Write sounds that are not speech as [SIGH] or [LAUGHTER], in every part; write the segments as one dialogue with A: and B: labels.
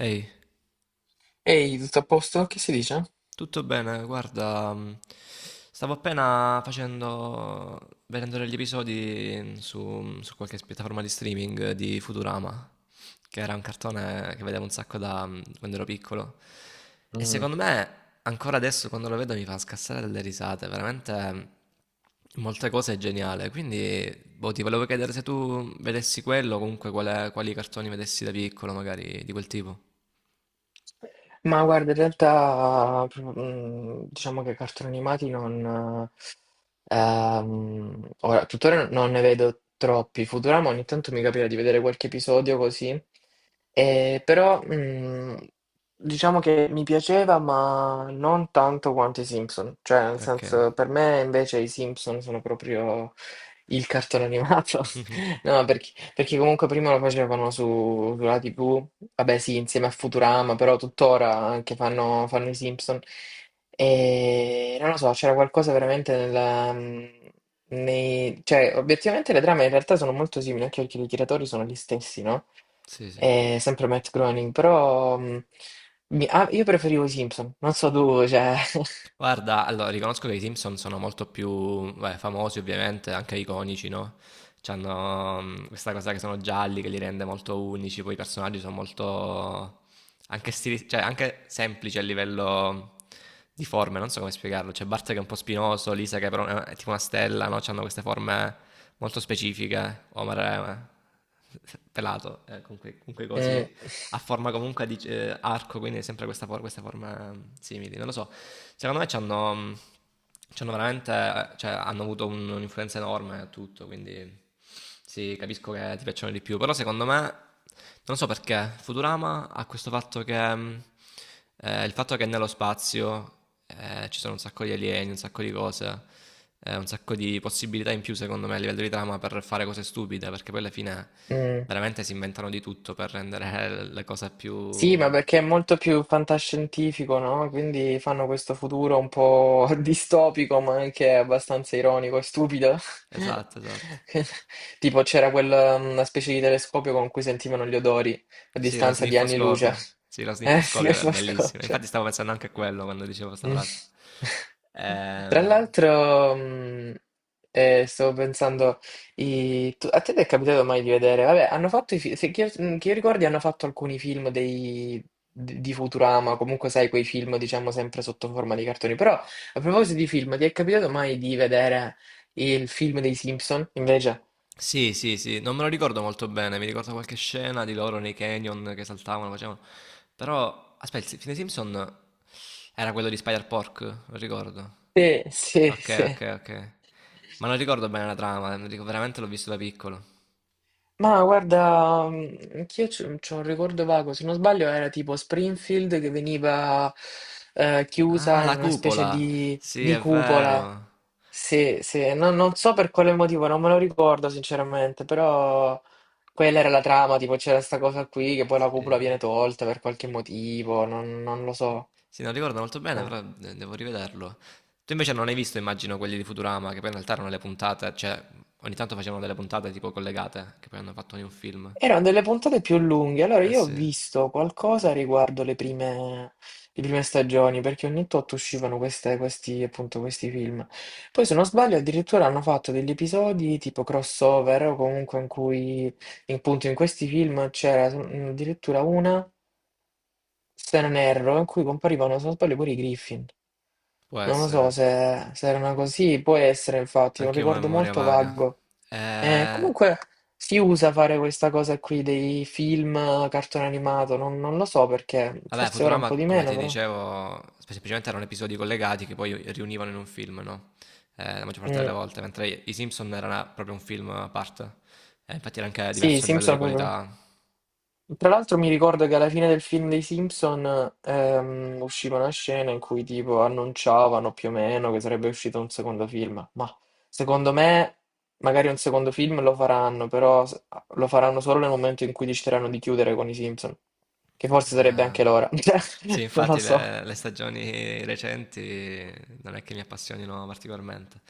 A: Ehi,
B: Ehi, tutto a posto? Che si dice?
A: tutto bene? Guarda, stavo appena vedendo degli episodi su qualche piattaforma di streaming di Futurama, che era un cartone che vedevo un sacco da quando ero piccolo. E
B: Mm.
A: secondo me, ancora adesso quando lo vedo mi fa scassare dalle risate, veramente molte cose è geniale. Quindi, boh, ti volevo chiedere se tu vedessi quello, comunque quali cartoni vedessi da piccolo, magari di quel tipo.
B: Ma guarda, in realtà diciamo che cartoni animati non... ora, tuttora non ne vedo troppi. Futurama ogni tanto mi capita di vedere qualche episodio così. Però diciamo che mi piaceva, ma non tanto quanto i Simpson. Cioè, nel
A: Ok.
B: senso, per me invece i Simpson sono proprio il cartone animato.
A: [LAUGHS]
B: [LAUGHS] No, perché, perché comunque prima lo facevano su, sulla TV, vabbè sì, insieme a Futurama, però tuttora anche fanno i Simpson. E non lo so, c'era qualcosa veramente nella... Nei, cioè, obiettivamente le trame in realtà sono molto simili, anche perché i tiratori sono gli stessi, no?
A: Sì, sì.
B: È sempre Matt Groening, però io preferivo i Simpson, non so tu, cioè...
A: Guarda, allora riconosco che i Simpson sono molto più beh, famosi, ovviamente, anche iconici, no? C'hanno questa cosa che sono gialli che li rende molto unici, poi i personaggi sono molto anche, cioè, anche semplici a livello di forme, non so come spiegarlo. C'è Bart che è un po' spinoso, Lisa che però è tipo una stella, no? C'hanno queste forme molto specifiche, Homer è [LAUGHS] pelato, con quei
B: [LAUGHS] mm,
A: cosi a forma comunque di arco, quindi sempre questa, questa forma simile. Non lo so, secondo me ci hanno veramente, cioè, hanno avuto un'influenza enorme a tutto, quindi sì, capisco che ti piacciono di più, però secondo me, non so perché, Futurama ha questo fatto che il fatto che nello spazio, ci sono un sacco di alieni, un sacco di cose, un sacco di possibilità in più secondo me a livello di trama per fare cose stupide, perché poi alla fine
B: mm.
A: veramente si inventano di tutto per rendere [LAUGHS] le cose
B: Sì, ma
A: più
B: perché è molto più fantascientifico, no? Quindi fanno questo futuro un po' [LAUGHS] distopico, ma anche abbastanza ironico e stupido.
A: esatto, esatto.
B: [LAUGHS] Tipo c'era quella una specie di telescopio con cui sentivano gli odori a
A: Sì, lo
B: distanza di anni luce.
A: sniffoscopio. Sì, lo
B: Sì,
A: sniffoscopio
B: [LAUGHS]
A: è
B: lo scopo,
A: bellissimo.
B: cioè.
A: Infatti stavo pensando anche a quello quando dicevo 'sta
B: Mm.
A: frase.
B: [LAUGHS] Tra
A: Ehm
B: l'altro, stavo pensando, a te ti è capitato mai di vedere? Vabbè, hanno fatto i fi- se, che io ricordi, hanno fatto alcuni film di Futurama, comunque sai, quei film, diciamo, sempre sotto forma di cartoni. Però, a proposito di film, ti è capitato mai di vedere il film dei Simpson, invece?
A: Sì, sì, sì, non me lo ricordo molto bene, mi ricordo qualche scena di loro nei canyon che saltavano, facevano. Però, aspetta, il fine Simpson era quello di Spider-Pork, lo ricordo.
B: Sì, sì,
A: Ok,
B: sì.
A: ok, ok. Ma non ricordo bene la trama, non dico- veramente l'ho visto da piccolo.
B: Ma guarda, anch'io c'ho un ricordo vago, se non sbaglio era tipo Springfield che veniva
A: Ah,
B: chiusa in
A: la
B: una specie
A: cupola! Sì,
B: di
A: è
B: cupola.
A: vero.
B: Sì, sì, non, non so per quale motivo, non me lo ricordo sinceramente, però quella era la trama, tipo c'era sta cosa qui che poi la cupola
A: Sì,
B: viene tolta per qualche motivo, non, non lo
A: sì.
B: so.
A: Sì, non ricordo molto bene, però
B: Eh.
A: devo rivederlo. Tu invece non hai visto, immagino, quelli di Futurama, che poi in realtà erano le puntate, cioè ogni tanto facevano delle puntate tipo collegate, che poi hanno fatto ogni un film.
B: Erano delle puntate più lunghe, allora
A: Eh
B: io ho
A: sì,
B: visto qualcosa riguardo le prime stagioni, perché ogni tot uscivano questi, appunto, questi film. Poi, se non sbaglio, addirittura hanno fatto degli episodi tipo crossover, o comunque in cui, appunto, in questi film c'era addirittura una, se non erro, in cui comparivano, se non sbaglio, pure i Griffin.
A: può
B: Non lo so
A: essere.
B: se, se erano così, può essere infatti, è un
A: Anche io ho una
B: ricordo
A: memoria
B: molto
A: vaga.
B: vago.
A: Eh,
B: Comunque si usa fare questa cosa qui dei film, cartone animato, non, non lo so perché,
A: Vabbè,
B: forse ora un
A: Futurama,
B: po' di
A: come
B: meno
A: ti
B: però.
A: dicevo, semplicemente erano episodi collegati che poi riunivano in un film, no? La maggior parte delle
B: Mm.
A: volte, mentre i Simpson era proprio un film a parte. Infatti era anche
B: Sì, i
A: diverso a livello di
B: Simpson proprio.
A: qualità.
B: Tra l'altro mi ricordo che alla fine del film dei Simpson usciva una scena in cui tipo annunciavano più o meno che sarebbe uscito un secondo film, ma secondo me magari un secondo film lo faranno, però lo faranno solo nel momento in cui decideranno di chiudere con i Simpson, che forse sarebbe
A: Ah.
B: anche l'ora, [LAUGHS] cioè,
A: Sì,
B: non lo
A: infatti
B: so.
A: le stagioni recenti non è che mi appassionino particolarmente.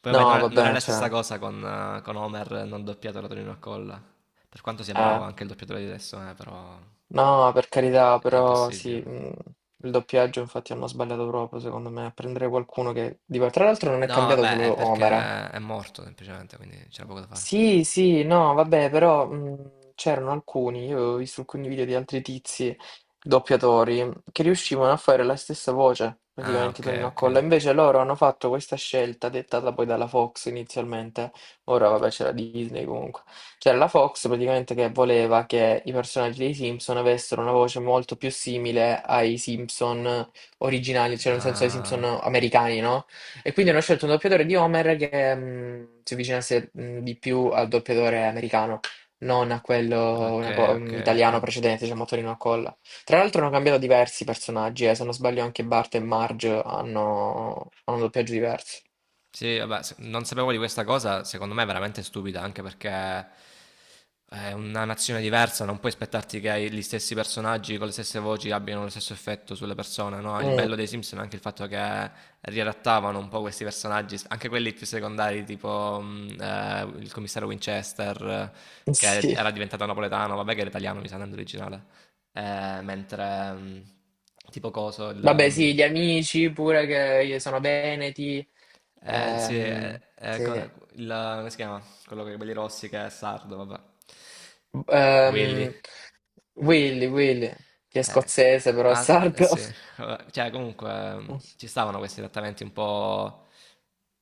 A: Poi vabbè, non
B: No,
A: è, non è
B: vabbè,
A: la stessa
B: cioè,
A: cosa con Homer non doppiato da Tonino Accolla. Per quanto sia bravo
B: eh,
A: anche il doppiatore di adesso, però
B: no, per carità,
A: è
B: però sì,
A: impossibile.
B: il doppiaggio infatti hanno sbagliato proprio, secondo me, a prendere qualcuno che... Tra l'altro non è
A: No,
B: cambiato
A: vabbè, è
B: solo
A: perché
B: Homer, eh.
A: è morto semplicemente, quindi c'era poco da fare.
B: Sì, sì, no, vabbè, però c'erano alcuni, io ho visto alcuni video di altri tizi doppiatori che riuscivano a fare la stessa voce,
A: Ah,
B: praticamente
A: ok,
B: Tonino
A: ok.
B: Accolla. Invece loro hanno fatto questa scelta dettata poi dalla Fox inizialmente. Ora vabbè c'era Disney comunque. C'era la Fox praticamente che voleva che i personaggi dei Simpson avessero una voce molto più simile ai Simpson originali, cioè nel senso ai Simpson
A: Ah,
B: americani, no? E quindi hanno scelto un doppiatore di Homer che si avvicinasse di più al doppiatore americano, non a quello
A: ok,
B: una
A: ok, ok.
B: italiano precedente, diciamo Tonino Accolla. Tra l'altro hanno cambiato diversi personaggi, se non sbaglio anche Bart e Marge hanno doppiaggi diversi.
A: Sì, vabbè, non sapevo di questa cosa, secondo me è veramente stupida, anche perché è una nazione diversa, non puoi aspettarti che gli stessi personaggi con le stesse voci abbiano lo stesso effetto sulle persone, no? Il
B: Mm,
A: bello dei Simpson è anche il fatto che riadattavano un po' questi personaggi, anche quelli più secondari, tipo il commissario Winchester,
B: [LAUGHS]
A: che
B: sì.
A: era diventato napoletano, vabbè che era italiano, mi sa, non è originale. Mentre tipo coso, il...
B: Vabbè,
A: mm,
B: sì, gli amici pure che sono veneti.
A: sì,
B: Ehm, sì.
A: il, come si chiama? Quello con i capelli rossi che è sardo, vabbè. Willy.
B: Ehm, Willy, Willy, che è
A: Eh,
B: scozzese però è
A: ah, eh
B: sardo.
A: sì, vabbè. Cioè comunque ci
B: [LAUGHS]
A: stavano questi trattamenti un po'...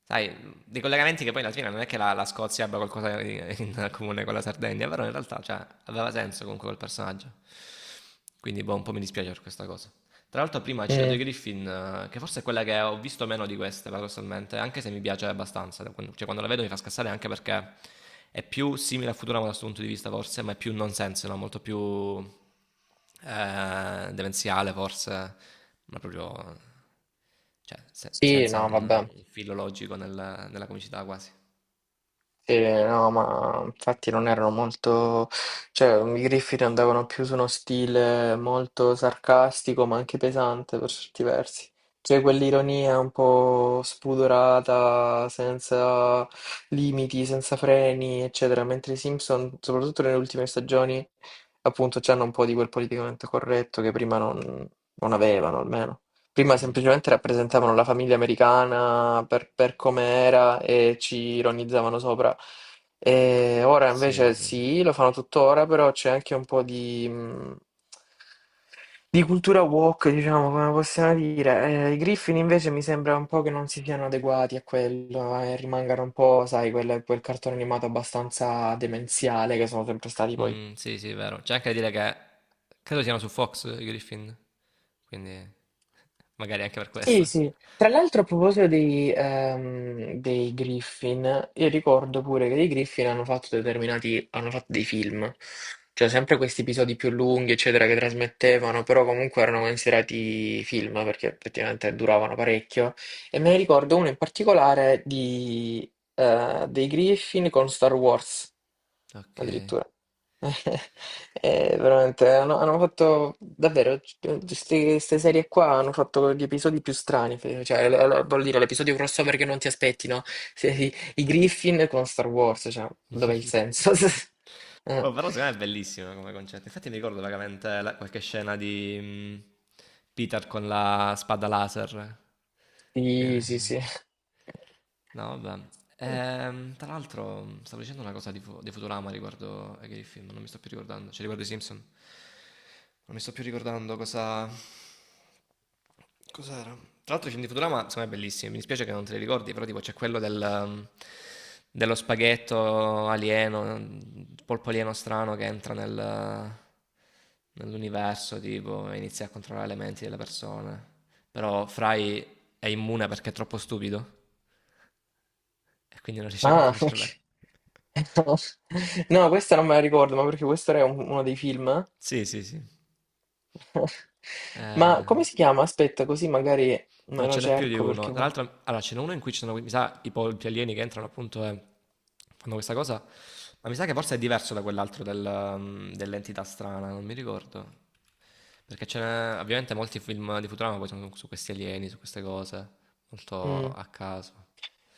A: Sai, dei collegamenti che poi alla fine non è che la, la Scozia abbia qualcosa in, in comune con la Sardegna, però in realtà, cioè, aveva senso comunque quel personaggio. Quindi boh, un po' mi dispiace per questa cosa. Tra l'altro prima hai citato i
B: Mm,
A: Griffin, che forse è quella che ho visto meno di queste, paradossalmente, anche se mi piace abbastanza. Cioè quando la vedo mi fa scassare anche perché è più simile a Futurama da questo punto di vista forse, ma è più nonsense, no? Molto più demenziale forse, ma proprio cioè,
B: sì,
A: senza
B: no,
A: un,
B: vabbè.
A: un filo logico nella comicità quasi.
B: Sì, no, ma infatti non erano molto, cioè i Griffith andavano più su uno stile molto sarcastico ma anche pesante per certi versi, cioè quell'ironia un po' spudorata, senza limiti, senza freni, eccetera, mentre i Simpson, soprattutto nelle ultime stagioni, appunto, c'hanno un po' di quel politicamente corretto che prima non avevano almeno. Prima
A: Mm,
B: semplicemente rappresentavano la famiglia americana per come era e ci ironizzavano sopra. E ora
A: sì,
B: invece
A: sì.
B: sì, lo fanno tuttora, però c'è anche un po' di cultura woke, diciamo, come possiamo dire. I Griffin invece mi sembra un po' che non si siano adeguati a quello e rimangano un po', sai, quel, quel cartone animato abbastanza demenziale che sono sempre stati poi.
A: Mm, sì, sì, è vero. C'è anche da dire che credo siano su Fox i Griffin, quindi [LAUGHS] magari anche per
B: Sì,
A: questo.
B: sì. Tra l'altro a proposito dei, dei Griffin, io ricordo pure che dei Griffin hanno fatto determinati, hanno fatto dei film, cioè sempre questi episodi più lunghi, eccetera, che trasmettevano, però comunque erano considerati film perché effettivamente duravano parecchio. E me ne ricordo uno in particolare di, dei Griffin con Star Wars,
A: Ok.
B: addirittura. [LAUGHS] Veramente hanno fatto davvero queste serie qua hanno fatto gli episodi più strani voglio dire l'episodio crossover che non ti aspetti no? I Griffin con Star Wars cioè dov'è il
A: [LAUGHS]
B: senso? [LAUGHS] Eh,
A: Boh, però secondo me è bellissimo come concetto. Infatti mi ricordo vagamente qualche scena di Peter con la spada laser.
B: sì sì sì,
A: Quindi... No, vabbè. Tra l'altro, stavo dicendo una cosa di, di Futurama riguardo a che film, non mi sto più ricordando, cioè riguardo i Simpson. Non mi sto più ricordando cosa... Cos'era? Tra l'altro i film di Futurama sono bellissimi, mi dispiace che non te li ricordi, però tipo c'è quello del, dello spaghetto alieno, polpo alieno strano che entra nel, nell'universo tipo, e inizia a controllare le menti delle persone. Però Fry è immune perché è troppo stupido. E quindi non riesce a
B: ah,
A: controllare il
B: ok.
A: cervello. [LAUGHS]
B: [LAUGHS] No, questa non me la ricordo, ma perché questo era uno dei film.
A: Sì, sì, sì.
B: [LAUGHS] Ma
A: Eh,
B: come si chiama? Aspetta, così magari
A: no,
B: me lo
A: ce n'è più di
B: cerco
A: uno.
B: perché
A: Tra l'altro, allora, ce n'è uno in cui ci sono, mi sa, i polpi alieni che entrano appunto e fanno questa cosa. Ma mi sa che forse è diverso da quell'altro del, dell'entità strana, non mi ricordo. Perché ce n'è, ovviamente molti film di Futurama poi sono su questi alieni, su queste cose, molto
B: mm.
A: a caso.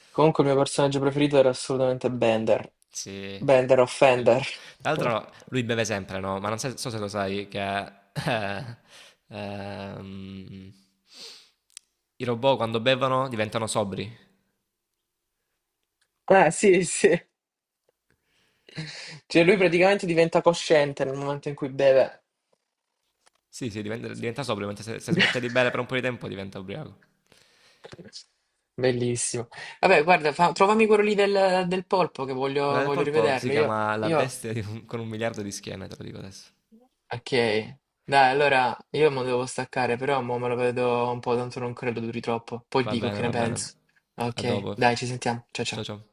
B: Comunque il mio personaggio preferito era assolutamente Bender.
A: Sì.
B: Bender o
A: Sì.
B: Fender.
A: Tra
B: [LAUGHS]
A: l'altro lui beve sempre, no, ma non se so se lo sai che, eh, ehm, i robot quando bevono diventano sobri.
B: Eh sì, sì. Cioè lui praticamente diventa cosciente nel momento in cui beve.
A: Sì, sì, diventa sobrio, mentre se se smette di bere
B: [LAUGHS]
A: per un po' di tempo diventa ubriaco.
B: Bellissimo. Vabbè, guarda, trovami quello lì del, del polpo che
A: Quella
B: voglio,
A: del
B: voglio
A: polpo si
B: rivederlo.
A: chiama La
B: Io
A: bestia di un con 1 miliardo di schiene, te lo dico adesso.
B: ok. Dai, allora io mo devo staccare, però mo me lo vedo un po', tanto non credo duri troppo. Poi
A: Va
B: dico
A: bene,
B: che ne
A: va bene.
B: penso.
A: A
B: Ok,
A: dopo.
B: dai, ci sentiamo. Ciao
A: Ciao,
B: ciao.
A: ciao.